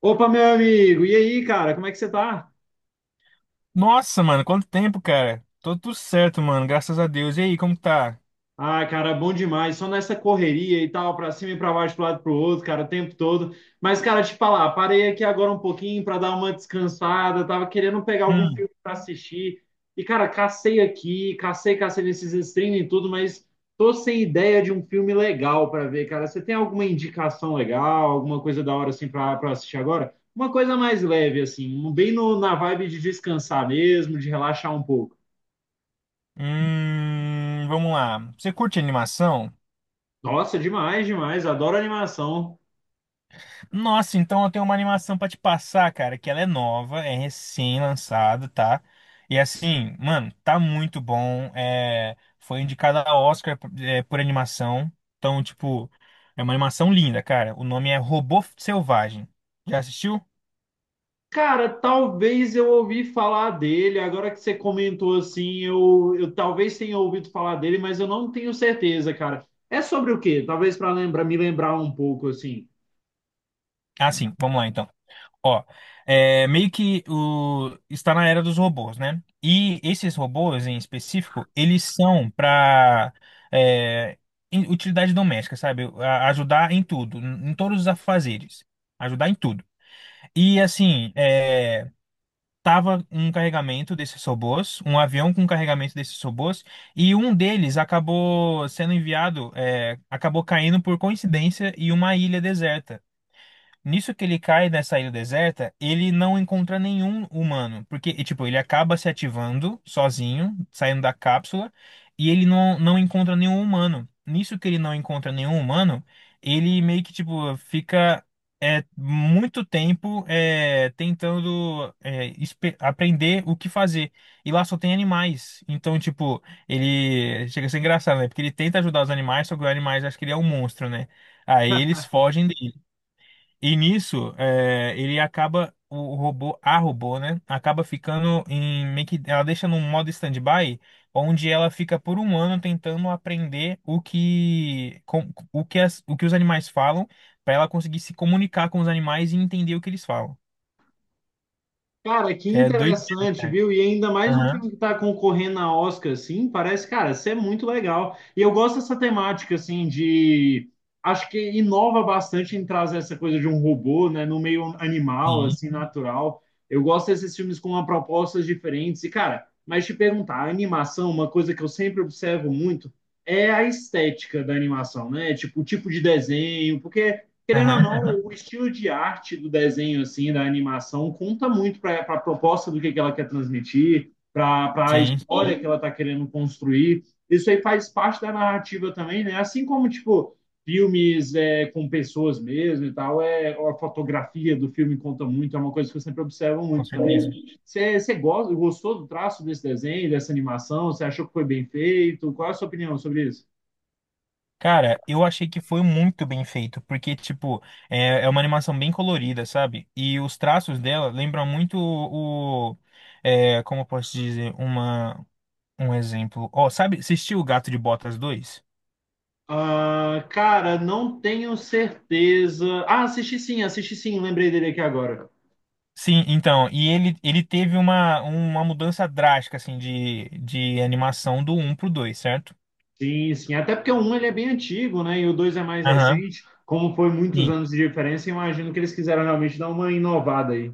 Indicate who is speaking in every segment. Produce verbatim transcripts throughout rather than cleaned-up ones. Speaker 1: Opa, meu amigo, e aí, cara, como é que você tá?
Speaker 2: Nossa, mano, quanto tempo, cara? Tô tudo certo, mano, graças a Deus. E aí, como tá?
Speaker 1: Ah, cara, bom demais, só nessa correria e tal, pra cima e pra baixo, pro lado e pro outro, cara, o tempo todo. Mas, cara, te falar, parei aqui agora um pouquinho pra dar uma descansada, tava querendo pegar algum
Speaker 2: Hum.
Speaker 1: filme pra assistir. E, cara, cacei aqui, cacei, cacei nesses streaming e tudo, mas tô sem ideia de um filme legal pra ver, cara. Você tem alguma indicação legal, alguma coisa da hora assim pra, pra assistir agora? Uma coisa mais leve, assim, um bem no, na vibe de descansar mesmo, de relaxar um pouco.
Speaker 2: Hum, vamos lá. Você curte animação?
Speaker 1: Nossa, demais, demais. Adoro animação.
Speaker 2: Nossa, então eu tenho uma animação pra te passar, cara, que ela é nova, é recém-lançada, tá? E assim, mano, tá muito bom. É, foi indicada a Oscar, por é, por animação. Então, tipo, é uma animação linda, cara. O nome é Robô Selvagem. Já assistiu?
Speaker 1: Cara, talvez eu ouvi falar dele. Agora que você comentou assim, eu, eu talvez tenha ouvido falar dele, mas eu não tenho certeza, cara. É sobre o quê? Talvez para lembrar, me lembrar um pouco assim.
Speaker 2: Ah, sim, vamos lá então. Ó, é, meio que o, está na era dos robôs, né? E esses robôs em específico, eles são para utilidade doméstica, sabe? A- ajudar em tudo, em todos os afazeres, ajudar em tudo. E assim, é, tava um carregamento desses robôs, um avião com carregamento desses robôs, e um deles acabou sendo enviado, é, acabou caindo por coincidência em uma ilha deserta. Nisso que ele cai nessa ilha deserta, ele não encontra nenhum humano, porque, e, tipo, ele acaba se ativando sozinho, saindo da cápsula, e ele não, não encontra nenhum humano. Nisso que ele não encontra nenhum humano, ele meio que, tipo, fica é, muito tempo é, tentando é, espe- aprender o que fazer. E lá só tem animais. Então, tipo, ele chega a ser engraçado, né? Porque ele tenta ajudar os animais, só que os animais acham que ele é um monstro, né? Aí eles fogem dele. E nisso, é, ele acaba, o robô, a robô, né? Acaba ficando em meio que, ela deixa num modo stand-by, onde ela fica por um ano tentando aprender o que, com- o que, as- o que os animais falam, para ela conseguir se comunicar com os animais e entender o que eles falam.
Speaker 1: Cara, que
Speaker 2: É doido, né?
Speaker 1: interessante,
Speaker 2: cara?
Speaker 1: viu? E ainda mais um
Speaker 2: Aham,
Speaker 1: filme que tá concorrendo a Oscar, assim, parece, cara, isso é muito legal. E eu gosto dessa temática, assim, de... Acho que inova bastante em trazer essa coisa de um robô, né, no meio animal,
Speaker 2: sim,
Speaker 1: assim, natural. Eu gosto desses filmes com uma propostas diferentes. E, cara, mas te perguntar, a animação, uma coisa que eu sempre observo muito, é a estética da animação, né? Tipo, o tipo de desenho, porque querendo ou
Speaker 2: aham, aham,
Speaker 1: não, o estilo de arte do desenho, assim, da animação, conta muito para a proposta do que, que ela quer transmitir, para a
Speaker 2: sim,
Speaker 1: história que ela está querendo construir. Isso aí faz parte da narrativa também, né? Assim como, tipo, filmes é, com pessoas mesmo e tal, é, a fotografia do filme conta muito, é uma coisa que eu sempre observo
Speaker 2: com
Speaker 1: muito também.
Speaker 2: certeza.
Speaker 1: Você você gosta, gostou do traço desse desenho, dessa animação? Você achou que foi bem feito? Qual é a sua opinião sobre isso?
Speaker 2: Cara, eu achei que foi muito bem feito, porque, tipo, é, é uma animação bem colorida, sabe? E os traços dela lembram muito o, o- é, como eu posso dizer, uma, um exemplo. Ó, sabe, assistiu o Gato de Botas dois?
Speaker 1: Ah, cara, não tenho certeza. Ah, assisti sim, assisti sim, lembrei dele aqui agora.
Speaker 2: Sim, então, e ele, ele teve uma, uma mudança drástica, assim, de, de animação do um pro dois, certo?
Speaker 1: Sim, sim. Até porque o um ele é bem antigo, né? E o dois é mais
Speaker 2: Aham.
Speaker 1: recente. Como foi muitos
Speaker 2: Sim.
Speaker 1: anos de diferença, imagino que eles quiseram realmente dar uma inovada aí.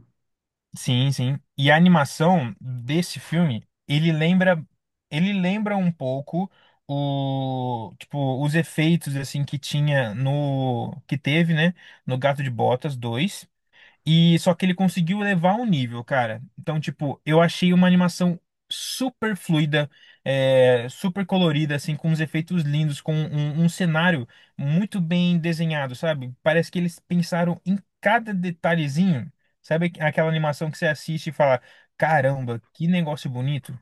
Speaker 2: Sim, sim. E a animação desse filme, ele lembra, ele lembra um pouco o, tipo, os efeitos assim que tinha no que teve, né, no Gato de Botas dois e só que ele conseguiu levar um nível, cara. Então, tipo, eu achei uma animação super fluida, é, super colorida, assim, com uns efeitos lindos, com um, um cenário muito bem desenhado, sabe? Parece que eles pensaram em cada detalhezinho. Sabe aquela animação que você assiste e fala, caramba, que negócio bonito?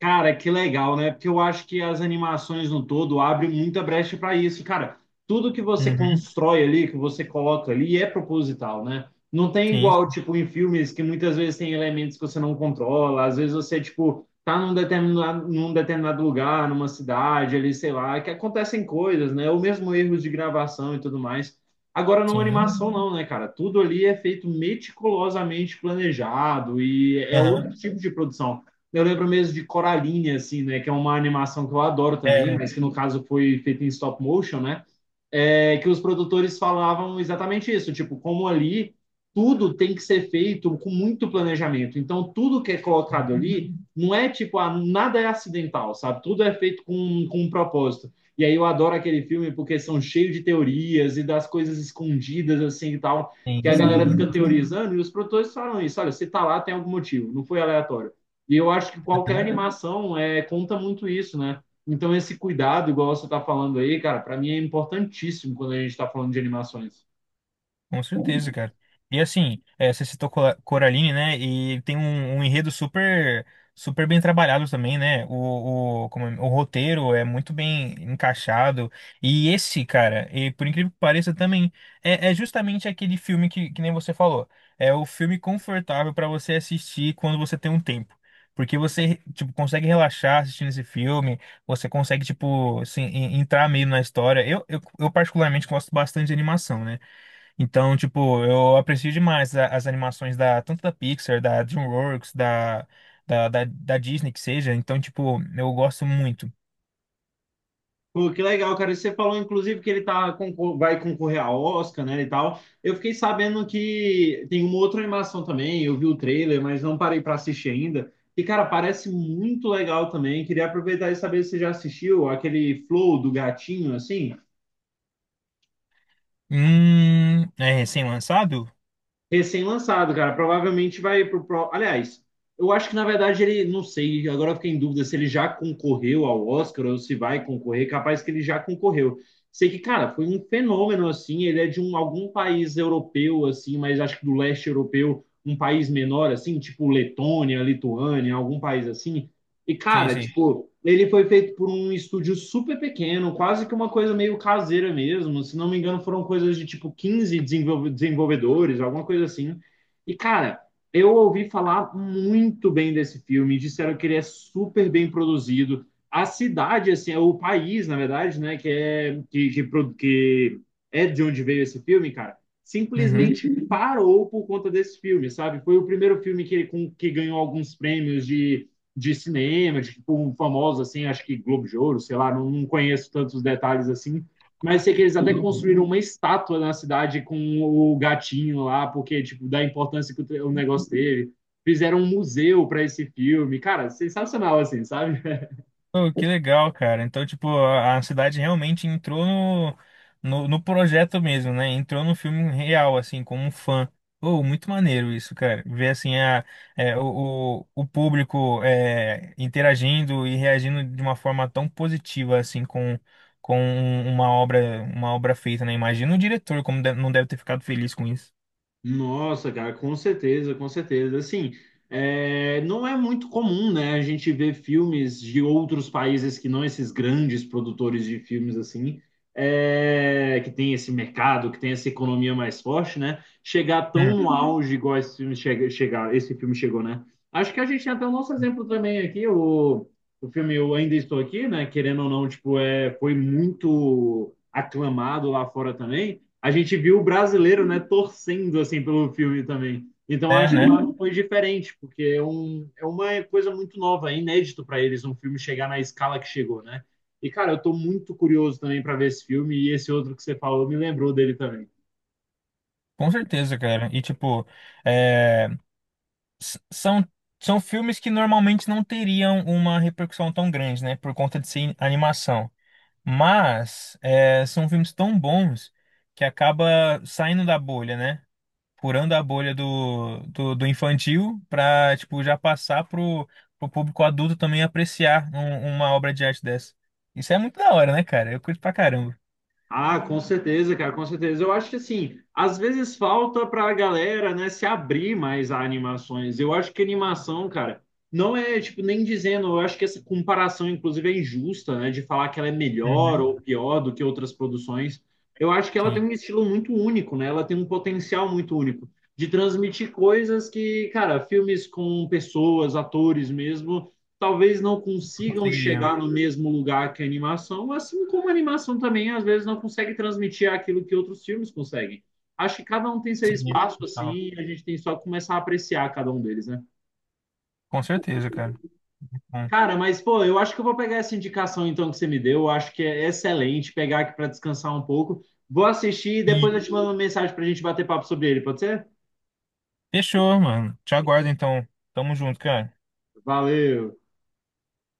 Speaker 1: Cara, que legal, né? Porque eu acho que as animações no todo abrem muita brecha para isso. Cara, tudo que você
Speaker 2: Uhum,
Speaker 1: constrói ali, que você coloca ali, é proposital, né? Não tem igual,
Speaker 2: sim,
Speaker 1: tipo, em filmes que muitas vezes tem elementos que você não controla, às vezes você, tipo, tá num determinado, num determinado lugar, numa cidade ali, sei lá, que acontecem coisas, né? Ou mesmo erros de gravação e tudo mais. Agora, não
Speaker 2: sim.
Speaker 1: animação, não, né, cara? Tudo ali é feito meticulosamente planejado e é
Speaker 2: Aham.
Speaker 1: outro tipo de produção. Eu lembro mesmo de Coraline, assim, né? Que é uma animação que eu adoro também,
Speaker 2: É,
Speaker 1: mas que no caso foi feita em stop motion, né? É, que os produtores falavam exatamente isso, tipo, como ali tudo tem que ser feito com muito planejamento. Então, tudo que é colocado ali não é tipo, ah, nada é acidental, sabe? Tudo é feito com, com um propósito. E aí eu adoro aquele filme porque são cheios de teorias e das coisas escondidas assim e tal, que
Speaker 2: sim,
Speaker 1: a galera
Speaker 2: sim.
Speaker 1: fica
Speaker 2: Nossa.
Speaker 1: teorizando e os produtores falam isso, olha, se tá lá tem algum motivo, não foi aleatório. E eu acho que qualquer animação é, conta muito isso, né? Então, esse cuidado, igual você está falando aí, cara, para mim é importantíssimo quando a gente está falando de animações.
Speaker 2: Com certeza, cara. E assim, é, você citou Cora- Coraline, né? E tem um, um enredo super, super bem trabalhado também, né? O, o, como é- o roteiro é muito bem encaixado. E esse, cara, e por incrível que pareça, também é, é justamente aquele filme que, que, nem você falou. É o filme confortável pra você assistir quando você tem um tempo. Porque você, tipo, consegue relaxar assistindo esse filme, você consegue, tipo, assim, en- entrar meio na história. Eu, eu, eu particularmente gosto bastante de animação, né? Então, tipo, eu aprecio demais a- as animações da tanto da Pixar, da DreamWorks, da, da, da, da Disney que seja. Então, tipo, eu gosto muito.
Speaker 1: Pô, que legal, cara. E você falou, inclusive, que ele tá, concor- vai concorrer a Oscar, né, e tal. Eu fiquei sabendo que tem uma outra animação também. Eu vi o trailer, mas não parei para assistir ainda. E, cara, parece muito legal também. Queria aproveitar e saber se você já assistiu aquele Flow do gatinho, assim.
Speaker 2: Hum, é recém-lançado?
Speaker 1: Recém-lançado, cara. Provavelmente vai pro, pro. Aliás, eu acho que na verdade ele, não sei, agora eu fiquei em dúvida se ele já concorreu ao Oscar ou se vai concorrer. Capaz que ele já concorreu. Sei que, cara, foi um fenômeno assim. Ele é de um, algum país europeu, assim, mas acho que do leste europeu, um país menor, assim, tipo Letônia, Lituânia, algum país assim. E,
Speaker 2: Sim,
Speaker 1: cara,
Speaker 2: sim.
Speaker 1: tipo, ele foi feito por um estúdio super pequeno, quase que uma coisa meio caseira mesmo. Se não me engano, foram coisas de tipo quinze desenvolve- desenvolvedores, alguma coisa assim. E, cara, eu ouvi falar muito bem desse filme, disseram que ele é super bem produzido. A cidade, assim, é o país, na verdade, né, que é, que, que, pro- que é de onde veio esse filme, cara,
Speaker 2: Uhum.
Speaker 1: simplesmente parou por conta desse filme, sabe? Foi o primeiro filme que, ele- com- que ganhou alguns prêmios de de cinema, de tipo, um famoso, assim, acho que Globo de Ouro, sei lá, não, não conheço tantos detalhes assim, mas sei que eles até construíram uma estátua na cidade com o gatinho lá, porque, tipo, da importância que o, negócio teve. Fizeram um museu para esse filme. Cara, sensacional, assim, sabe?
Speaker 2: Pô, que legal, cara. Então, tipo, a, a cidade realmente entrou no, no, no projeto mesmo, né? Entrou no filme real, assim, como um fã. Pô, muito maneiro isso, cara. Ver, assim, a, é, o, o, o público é, interagindo e reagindo de uma forma tão positiva, assim, com, com um, uma obra, uma obra feita, né? Imagina o diretor como de- não deve ter ficado feliz com isso.
Speaker 1: Nossa, cara, com certeza, com certeza. Assim, é, não é muito comum, né, a gente ver filmes de outros países que não esses grandes produtores de filmes, assim, é, que tem esse mercado, que tem essa economia mais forte, né, chegar
Speaker 2: Hum.
Speaker 1: tão no uhum. Auge igual esse filme chega, chegar, esse filme chegou, né? Acho que a gente tem até o nosso exemplo também aqui, o, o filme Eu Ainda Estou Aqui, né, querendo ou não, tipo, é, foi muito aclamado lá fora também, a gente viu o brasileiro, né, torcendo assim pelo filme também. Então
Speaker 2: É,
Speaker 1: acho que
Speaker 2: né?
Speaker 1: lá foi diferente, porque é, um, é uma coisa muito nova, é inédito para eles um filme chegar na escala que chegou, né? E cara, eu tô muito curioso também para ver esse filme e esse outro que você falou me lembrou dele também.
Speaker 2: Com certeza, cara. E tipo, é, s- são, são filmes que normalmente não teriam uma repercussão tão grande, né? Por conta de ser animação. Mas é, são filmes tão bons que acaba saindo da bolha, né? Furando a bolha do, do, do infantil pra, tipo, já passar pro, pro público adulto também apreciar um- uma obra de arte dessa. Isso é muito da hora, né, cara? Eu curto pra caramba.
Speaker 1: Ah, com certeza, cara, com certeza. Eu acho que assim, às vezes falta para a galera, né, se abrir mais a animações. Eu acho que animação, cara, não é tipo nem dizendo, eu acho que essa comparação inclusive é injusta, né, de falar que ela é melhor
Speaker 2: Uhum.
Speaker 1: ou pior do que outras produções. Eu acho que ela tem
Speaker 2: Sim,
Speaker 1: um estilo muito único, né? Ela tem um potencial muito único de transmitir coisas que, cara, filmes com pessoas, atores mesmo talvez não
Speaker 2: eu
Speaker 1: consigam
Speaker 2: conseguiria.
Speaker 1: chegar no mesmo lugar que a animação, assim como a animação também às vezes não consegue transmitir aquilo que outros filmes conseguem. Acho que cada um tem seu
Speaker 2: Sim,
Speaker 1: espaço
Speaker 2: total.
Speaker 1: assim, e a gente tem só que começar a apreciar cada um deles, né?
Speaker 2: Com certeza, cara. Bom.
Speaker 1: Cara, mas pô, eu acho que eu vou pegar essa indicação então que você me deu, eu acho que é excelente pegar aqui para descansar um pouco. Vou assistir e depois eu te mando uma mensagem para a gente bater papo sobre ele, pode ser?
Speaker 2: Fechou, mano. Te aguardo então. Tamo junto, cara.
Speaker 1: Valeu!